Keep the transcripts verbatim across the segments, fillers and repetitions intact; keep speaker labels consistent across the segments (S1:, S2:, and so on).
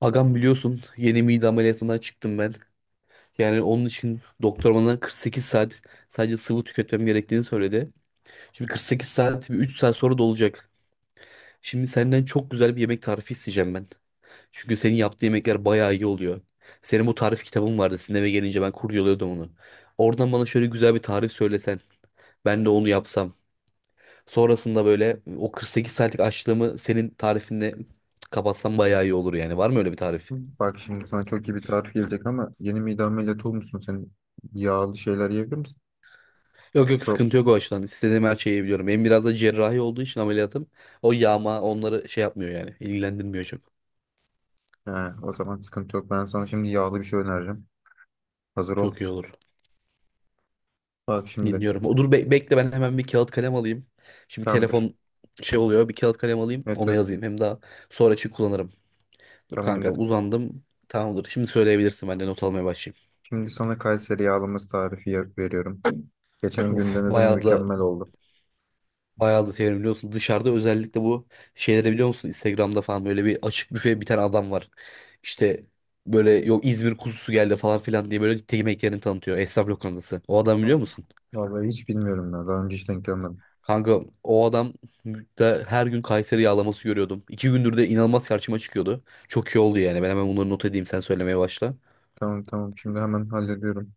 S1: Agam biliyorsun yeni mide ameliyatından çıktım ben. Yani onun için doktor bana kırk sekiz saat sadece sıvı tüketmem gerektiğini söyledi. Şimdi kırk sekiz saat bir üç saat sonra dolacak. Şimdi senden çok güzel bir yemek tarifi isteyeceğim ben. Çünkü senin yaptığın yemekler bayağı iyi oluyor. Senin bu tarif kitabın vardı. Sizin eve gelince ben kurcalıyordum onu. Oradan bana şöyle güzel bir tarif söylesen. Ben de onu yapsam. Sonrasında böyle o kırk sekiz saatlik açlığımı senin tarifinle kapatsam bayağı iyi olur yani. Var mı öyle bir tarif?
S2: Bak şimdi sana çok iyi bir tarif gelecek ama yeni mide ameliyatı olmuşsun. Sen yağlı şeyler yiyebilir misin?
S1: Yok, yok,
S2: Yok.
S1: sıkıntı yok o açıdan. İstediğim her şeyi biliyorum. Benim biraz da cerrahi olduğu için ameliyatım. O yağma onları şey yapmıyor yani. İlgilendirmiyor çok.
S2: He, o zaman sıkıntı yok. Ben sana şimdi yağlı bir şey önereceğim. Hazır ol.
S1: Çok iyi olur.
S2: Bak şimdi.
S1: Dinliyorum. O, dur, be- bekle, ben hemen bir kağıt kalem alayım. Şimdi
S2: Tamamdır.
S1: telefon şey oluyor. Bir kağıt kalem alayım.
S2: Evet,
S1: Ona
S2: evet,
S1: yazayım. Hem daha sonra için kullanırım. Dur kanka,
S2: tamamdır.
S1: uzandım. Tamamdır. Şimdi söyleyebilirsin. Ben de not almaya başlayayım.
S2: Şimdi sana Kayseri yağlaması tarifi yap- veriyorum. Geçen gün
S1: Of,
S2: denedim,
S1: bayağı da
S2: mükemmel oldu.
S1: Bayağı da severim biliyor musun? Dışarıda özellikle bu şeyleri biliyor musun? Instagram'da falan böyle bir açık büfe bir tane adam var. İşte böyle, yok İzmir kuzusu geldi falan filan diye böyle yemek tanıtıyor. Esnaf lokantası. O adam
S2: Ha,
S1: biliyor musun?
S2: vallahi hiç bilmiyorum ya. Daha önce hiç denk gelmedim.
S1: Kanka o adam da her gün Kayseri yağlaması görüyordum. iki gündür de inanılmaz karşıma çıkıyordu. Çok iyi oldu yani. Ben hemen bunları not edeyim, sen söylemeye başla.
S2: Tamam, tamam. Şimdi hemen hallediyorum.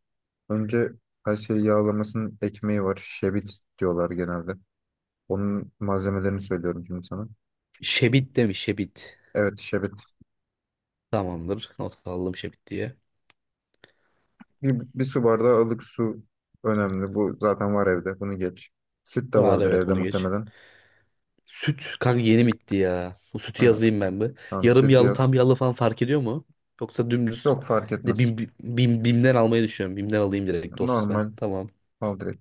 S2: Önce Kayseri yağlamasının ekmeği var. Şebit diyorlar genelde. Onun malzemelerini söylüyorum şimdi sana.
S1: Şebit demiş, Şebit.
S2: Evet, şerbet.
S1: Tamamdır. Not aldım Şebit diye.
S2: Bir, bir su bardağı ılık su önemli. Bu zaten var evde. Bunu geç. Süt de
S1: Var,
S2: vardır
S1: evet,
S2: evde
S1: bunu geç.
S2: muhtemelen.
S1: Süt kanka yeni bitti ya. Bu sütü
S2: Ha,
S1: yazayım ben bir.
S2: tamam,
S1: Yarım
S2: sütü
S1: yağlı
S2: yaz.
S1: tam yağlı falan fark ediyor mu? Yoksa dümdüz.
S2: Yok, fark
S1: Bir de
S2: etmez.
S1: bim, bim, bimden almayı düşünüyorum. Bimden alayım direkt dost ben.
S2: Normal
S1: Tamam.
S2: al direkt.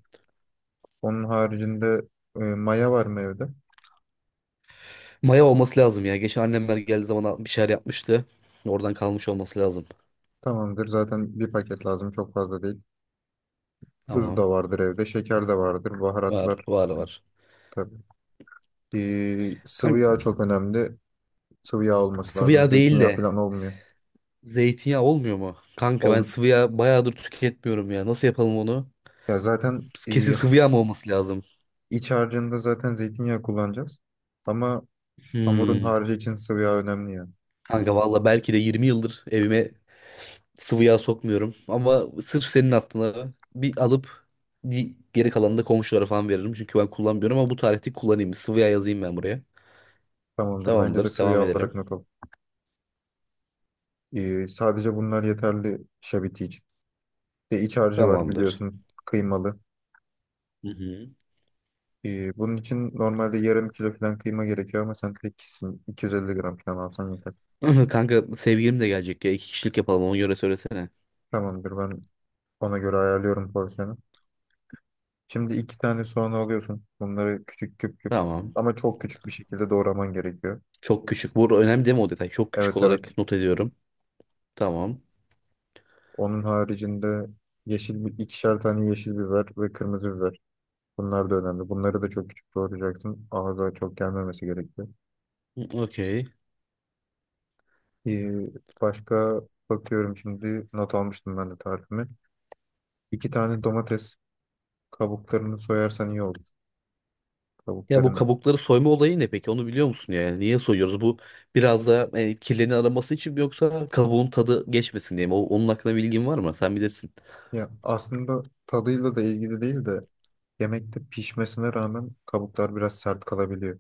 S2: Onun haricinde e, maya var mı evde?
S1: Maya olması lazım ya. Geçen annemler geldiği zaman bir şeyler yapmıştı. Oradan kalmış olması lazım.
S2: Tamamdır. Zaten bir paket lazım. Çok fazla değil. Tuz
S1: Tamam.
S2: da vardır evde. Şeker de vardır.
S1: Var
S2: Baharatlar
S1: var var.
S2: tabii. Ee, sıvı yağ
S1: Kanka
S2: çok önemli. Sıvı yağ olması
S1: sıvı
S2: lazım.
S1: yağ değil
S2: Zeytinyağı
S1: de
S2: falan olmuyor.
S1: zeytinyağı olmuyor mu? Kanka ben
S2: Ol
S1: sıvı yağ bayağıdır tüketmiyorum ya. Nasıl yapalım onu?
S2: ya zaten,
S1: Kesin
S2: e,
S1: sıvı yağ mı olması lazım?
S2: iç harcında zaten zeytinyağı kullanacağız. Ama Hamurun
S1: Hmm.
S2: harcı için sıvı yağ önemli ya.
S1: Kanka valla belki de yirmi yıldır evime sıvı yağ sokmuyorum. Ama sırf senin aklına bir alıp, di- geri kalanını da komşulara falan veririm. Çünkü ben kullanmıyorum ama bu tarihte kullanayım. Sıvı yağ yazayım ben buraya.
S2: Tamamdır. Bence de
S1: Tamamdır.
S2: sıvı
S1: Devam
S2: yağ
S1: edelim.
S2: olarak not al. Ee, sadece bunlar yeterli şabiti için. Bir De iç harcı var,
S1: Tamamdır.
S2: biliyorsun. Kıymalı.
S1: Hı hı.
S2: Ee, bunun için normalde yarım kilo falan kıyma gerekiyor ama sen tek kişisin. 250 gram falan alsan yeter.
S1: Kanka sevgilim de gelecek ya. iki kişilik yapalım ona göre söylesene.
S2: Tamamdır. Ben ona göre ayarlıyorum porsiyonu. Şimdi iki tane soğan alıyorsun. Bunları küçük küp küp
S1: Tamam.
S2: ama çok küçük bir şekilde doğraman gerekiyor.
S1: Çok küçük. Bu önemli değil mi o detay? Çok küçük
S2: Evet, evet.
S1: olarak not ediyorum. Tamam.
S2: Onun haricinde yeşil bir ikişer tane yeşil biber ve kırmızı biber. Bunlar da önemli. Bunları da çok küçük doğrayacaksın. Ağza çok gelmemesi gerekiyor.
S1: Okey.
S2: Ee, Başka bakıyorum, şimdi not almıştım ben de tarifimi. İki tane domates kabuklarını soyarsan iyi olur.
S1: Ya bu
S2: Kabukların
S1: kabukları soyma olayı ne peki? Onu biliyor musun yani? Niye soyuyoruz? Bu biraz da e, kirlerini araması için mi, yoksa kabuğun tadı geçmesin diye mi? O, onun hakkında bilgin var mı? Sen bilirsin.
S2: ya aslında tadıyla da ilgili değil de yemekte pişmesine rağmen kabuklar biraz sert kalabiliyor.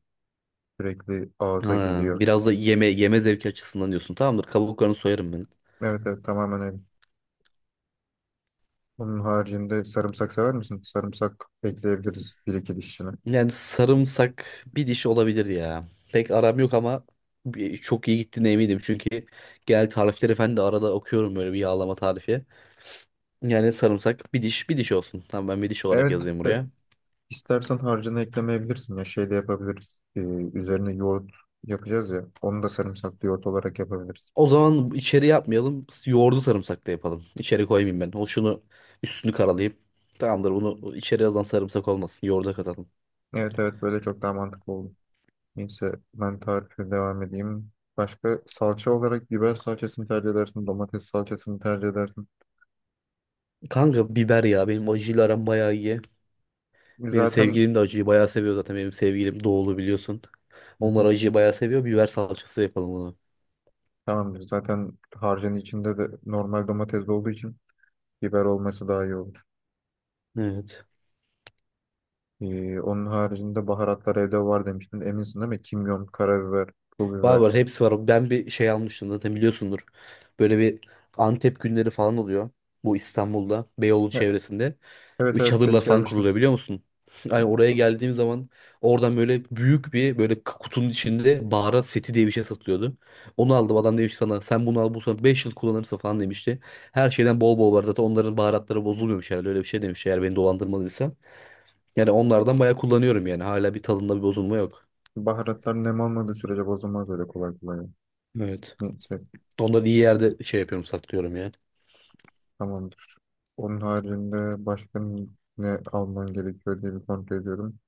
S2: Sürekli ağza
S1: Ha,
S2: geliyor.
S1: biraz da yeme yeme zevki açısından diyorsun. Tamamdır. Kabuklarını soyarım ben.
S2: Evet, evet, tamamen öyle. Onun haricinde sarımsak sever misin? Sarımsak ekleyebiliriz bir iki dişine.
S1: Yani sarımsak bir diş olabilir ya. Pek aram yok ama bir- çok iyi gittiğine eminim. Çünkü genel tarifleri falan da arada okuyorum böyle bir yağlama tarifi. Yani sarımsak bir diş bir diş olsun. Tamam, ben bir diş olarak
S2: Evet,
S1: yazayım
S2: e,
S1: buraya.
S2: İstersen harcını eklemeyebilirsin ya, şey de yapabiliriz. Ee, üzerine yoğurt yapacağız ya. Onu da sarımsaklı yoğurt olarak yapabiliriz.
S1: O zaman içeri yapmayalım. Yoğurdu sarımsaklı yapalım. İçeri koymayayım ben. O şunu üstünü karalayayım. Tamamdır, bunu içeri yazan sarımsak olmasın. Yoğurda katalım.
S2: Evet, evet, böyle çok daha mantıklı oldu. Neyse, ben tarife devam edeyim. Başka, salça olarak biber salçasını tercih edersin, domates salçasını tercih edersin.
S1: Kanka biber ya, benim acıyla aram bayağı iyi.
S2: E,
S1: Benim
S2: Zaten
S1: sevgilim de acıyı bayağı seviyor zaten. Benim sevgilim doğulu biliyorsun.
S2: Hı
S1: Onlar
S2: hı,
S1: acıyı bayağı seviyor. Biber salçası yapalım bunu.
S2: tamamdır. Zaten harcın içinde de normal domates de olduğu için biber olması daha iyi olur.
S1: Evet.
S2: Ee, onun haricinde baharatlar evde var demiştin. Eminsin değil mi? Kimyon, karabiber, pul
S1: Var
S2: biber.
S1: var hepsi var. Ben bir şey almıştım zaten biliyorsundur. Böyle bir Antep günleri falan oluyor. Bu İstanbul'da Beyoğlu
S2: E,
S1: çevresinde.
S2: Evet
S1: Üç
S2: evet,
S1: çadırlar
S2: denk
S1: falan
S2: gelmiştim.
S1: kuruluyor biliyor musun? Hani oraya geldiğim zaman oradan böyle büyük bir böyle k- kutunun içinde baharat seti diye bir şey satılıyordu. Onu aldım, adam demiş sana sen bunu al bu sana beş yıl kullanırsın falan demişti. Her şeyden bol bol var zaten, onların baharatları bozulmuyormuş herhalde, öyle bir şey demiş eğer beni dolandırmadıysa. Yani onlardan bayağı kullanıyorum yani, hala bir tadında bir bozulma yok.
S2: Baharatlar nem almadığı sürece bozulmaz öyle kolay kolay.
S1: Evet.
S2: Neyse,
S1: Onları iyi yerde şey yapıyorum, saklıyorum ya.
S2: tamamdır. Onun haricinde başka ne almam gerekiyor diye bir kontrol ediyorum.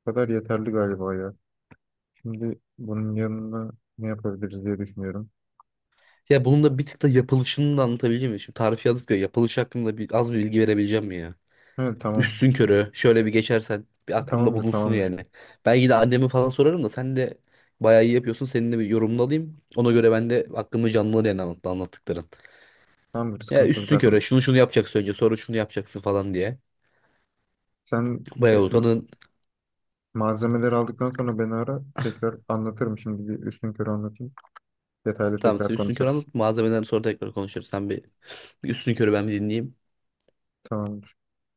S2: Bu kadar yeterli galiba ya. Şimdi bunun yanına ne yapabiliriz diye düşünüyorum.
S1: Ya bunun da bir tık da yapılışını da anlatabileceğim mi? Şimdi tarif yazdık ya, yapılış hakkında bir, az bir bilgi verebileceğim mi ya?
S2: Evet, tamam.
S1: Üstün körü şöyle bir geçersen bir aklımda
S2: Tamamdır,
S1: bulunsun
S2: tamamdır.
S1: yani. Belki de anneme falan sorarım da, sen de bayağı iyi yapıyorsun. Seninle bir yorumunu alayım. Ona göre ben de aklımı canlanır yani, anlat, anlattıkların.
S2: Tamamdır,
S1: Ya
S2: sıkıntı yok
S1: üstün körü
S2: zaten.
S1: şunu şunu yapacaksın önce sonra şunu yapacaksın falan diye.
S2: Sen e,
S1: Bayağı
S2: m-
S1: utanın.
S2: malzemeleri aldıktan sonra beni ara. Tekrar anlatırım, şimdi bir üstün körü anlatayım. Detaylı
S1: Tamam,
S2: tekrar
S1: sen üstün körü
S2: konuşuruz.
S1: anlat, malzemeden sonra tekrar konuşuruz. Sen bir, bir üstün körü ben bir dinleyeyim.
S2: Tamamdır.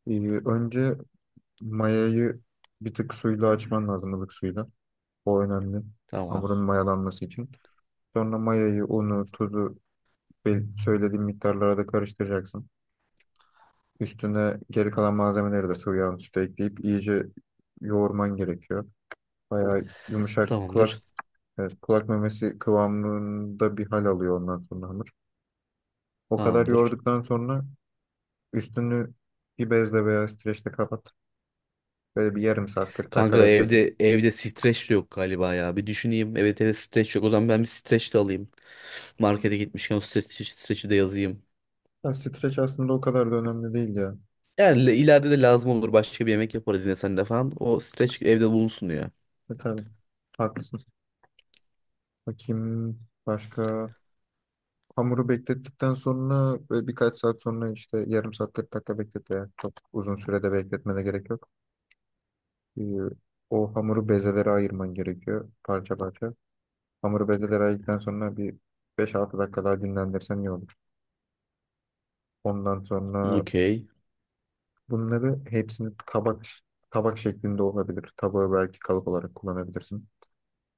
S2: Ee, Önce mayayı bir tık suyla açman lazım, ılık suyla. O önemli.
S1: Tamam.
S2: Hamurun mayalanması için. Sonra mayayı, unu, tuzu be- söylediğim miktarlara da karıştıracaksın. Üstüne geri kalan malzemeleri de sıvı yağın üstüne ekleyip iyice yoğurman gerekiyor. Bayağı yumuşak, kulak
S1: Tamamdır.
S2: evet, kulak memesi kıvamında bir hal alıyor ondan sonra hamur. O kadar
S1: Tamamdır.
S2: yoğurduktan sonra üstünü bir bezle veya streçle kapat. Böyle bir yarım saat, 40
S1: Kanka
S2: dakika beklesin.
S1: evde evde streç de yok galiba ya. Bir düşüneyim. Evet, evet, streç yok. O zaman ben bir streç de alayım. Markete gitmişken o streç, streç'i de yazayım.
S2: Ya streç aslında o kadar da önemli değil ya.
S1: Yani le- ileride de lazım olur. Başka bir yemek yaparız yine seninle falan. O streç evde bulunsun ya.
S2: E tabii, haklısın. Bakayım başka. Hamuru beklettikten sonra böyle birkaç saat sonra, işte yarım saat, 40 dakika beklet yani. Çok uzun sürede bekletmene gerek yok. Ee, O hamuru bezelere ayırman gerekiyor, parça parça. Hamuru bezelere ayırdıktan sonra bir 5-6 dakika daha dinlendirsen iyi olur. Ondan sonra
S1: Okey.
S2: bunları hepsini tabak tabak şeklinde olabilir. Tabağı belki kalıp olarak kullanabilirsin.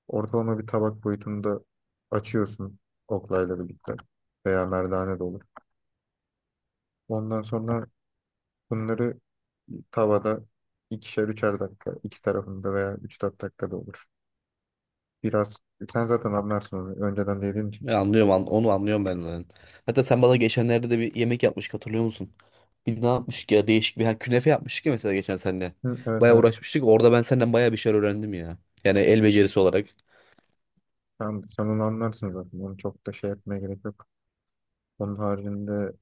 S2: Ortalama bir tabak boyutunda açıyorsun, oklayla birlikte veya merdane de olur. Ondan sonra bunları Tavada ikişer üçer dakika iki tarafında, veya üç dört dakika da olur. Biraz sen zaten anlarsın onu, önceden de yediğin için.
S1: Ya Anlıyorum, an- onu anlıyorum ben zaten. Hatta sen bana geçenlerde de bir yemek yapmıştık hatırlıyor musun? Bir ne yapmıştık ya, değişik bir ha, künefe yapmıştık ya mesela geçen seninle.
S2: Hı, evet,
S1: Bayağı
S2: evet,
S1: uğraşmıştık. Orada ben senden bayağı bir şeyler öğrendim ya. Yani el becerisi olarak.
S2: tamam, sen onu anlarsın zaten, onu çok da şey yapmaya gerek yok. Onun haricinde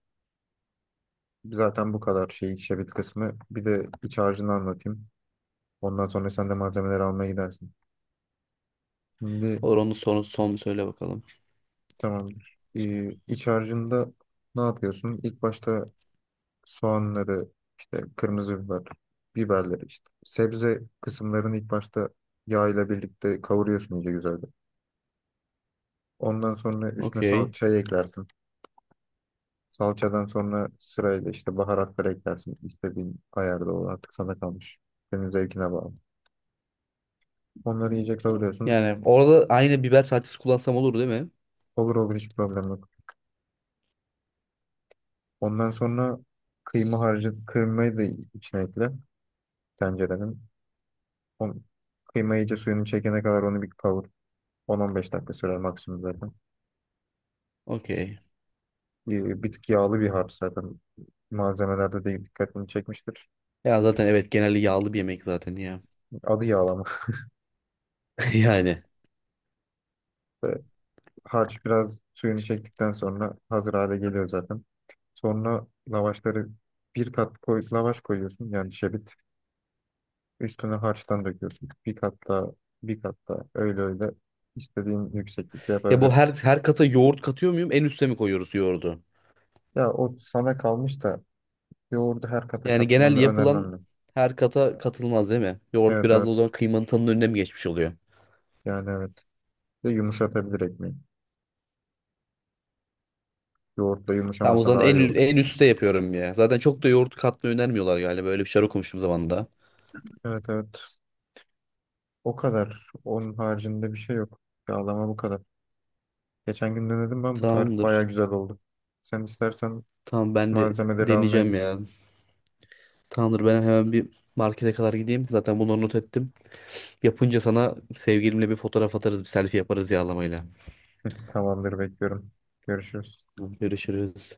S2: zaten bu kadar şey, şebit kısmı, bir de iç harcını anlatayım. Ondan sonra sen de malzemeleri almaya gidersin. Şimdi
S1: Olur, onu son, son bir söyle bakalım.
S2: Tamamdır. Ee, iç harcında ne yapıyorsun? İlk başta soğanları, işte kırmızı biber, biberleri işte. Sebze kısımlarını ilk başta yağ ile birlikte kavuruyorsun iyice, güzelce. Ondan sonra üstüne
S1: Okey.
S2: salçayı eklersin. Salçadan sonra sırayla işte baharatları eklersin. İstediğin ayarda, o artık sana kalmış. Senin zevkine bağlı. Onları iyice kavuruyorsun.
S1: Yani orada aynı biber salçası kullansam olur değil mi?
S2: Olur, olur, hiç problem yok. Ondan sonra kıyma harcı, kıymayı da içine ekle tencerenin. On, Kıyma iyice suyunu çekene kadar onu bir kavur. 10-15 dakika sürer maksimum zaten.
S1: Okey.
S2: Bir, bir tık yağlı bir harç zaten. Malzemelerde değil, dikkatini çekmiştir.
S1: Ya zaten evet, genelde yağlı bir yemek zaten ya.
S2: Adı yağlama.
S1: Yani.
S2: İşte harç biraz suyunu çektikten sonra hazır hale geliyor zaten. Sonra lavaşları bir kat koy, lavaş koyuyorsun yani, şebit. Üstüne harçtan döküyorsun. Bir kat daha, bir kat daha, öyle öyle istediğin yükseklikte
S1: Ya bu
S2: yapabilirsin.
S1: her her kata yoğurt katıyor muyum? En üste mi koyuyoruz yoğurdu?
S2: Ya, o sana kalmış da yoğurdu her kata
S1: Yani genel
S2: katmanı
S1: yapılan
S2: önermem ben.
S1: her kata katılmaz değil mi? Yoğurt
S2: Evet,
S1: biraz da
S2: evet,
S1: o zaman kıymanın tadının önüne mi geçmiş oluyor?
S2: yani evet. Bir De yumuşatabilir ekmeği. Yoğurtla
S1: Tamam, o
S2: yumuşamasa
S1: zaman
S2: daha
S1: en,
S2: iyi
S1: ü-
S2: olur.
S1: en üste yapıyorum ya. Zaten çok da yoğurt katmayı önermiyorlar galiba. Böyle bir şey okumuştum zamanında.
S2: Evet, evet. O kadar. Onun haricinde bir şey yok. Yağlama bu kadar. Geçen gün denedim ben, bu tarif
S1: Tamamdır.
S2: baya güzel oldu. Sen istersen
S1: Tamam ben de
S2: malzemeleri almaya
S1: deneyeceğim
S2: git.
S1: ya. Tamamdır, ben hemen bir markete kadar gideyim. Zaten bunları not ettim. Yapınca sana sevgilimle bir fotoğraf atarız, bir selfie yaparız yağlamayla.
S2: Tamamdır, bekliyorum. Görüşürüz.
S1: Görüşürüz.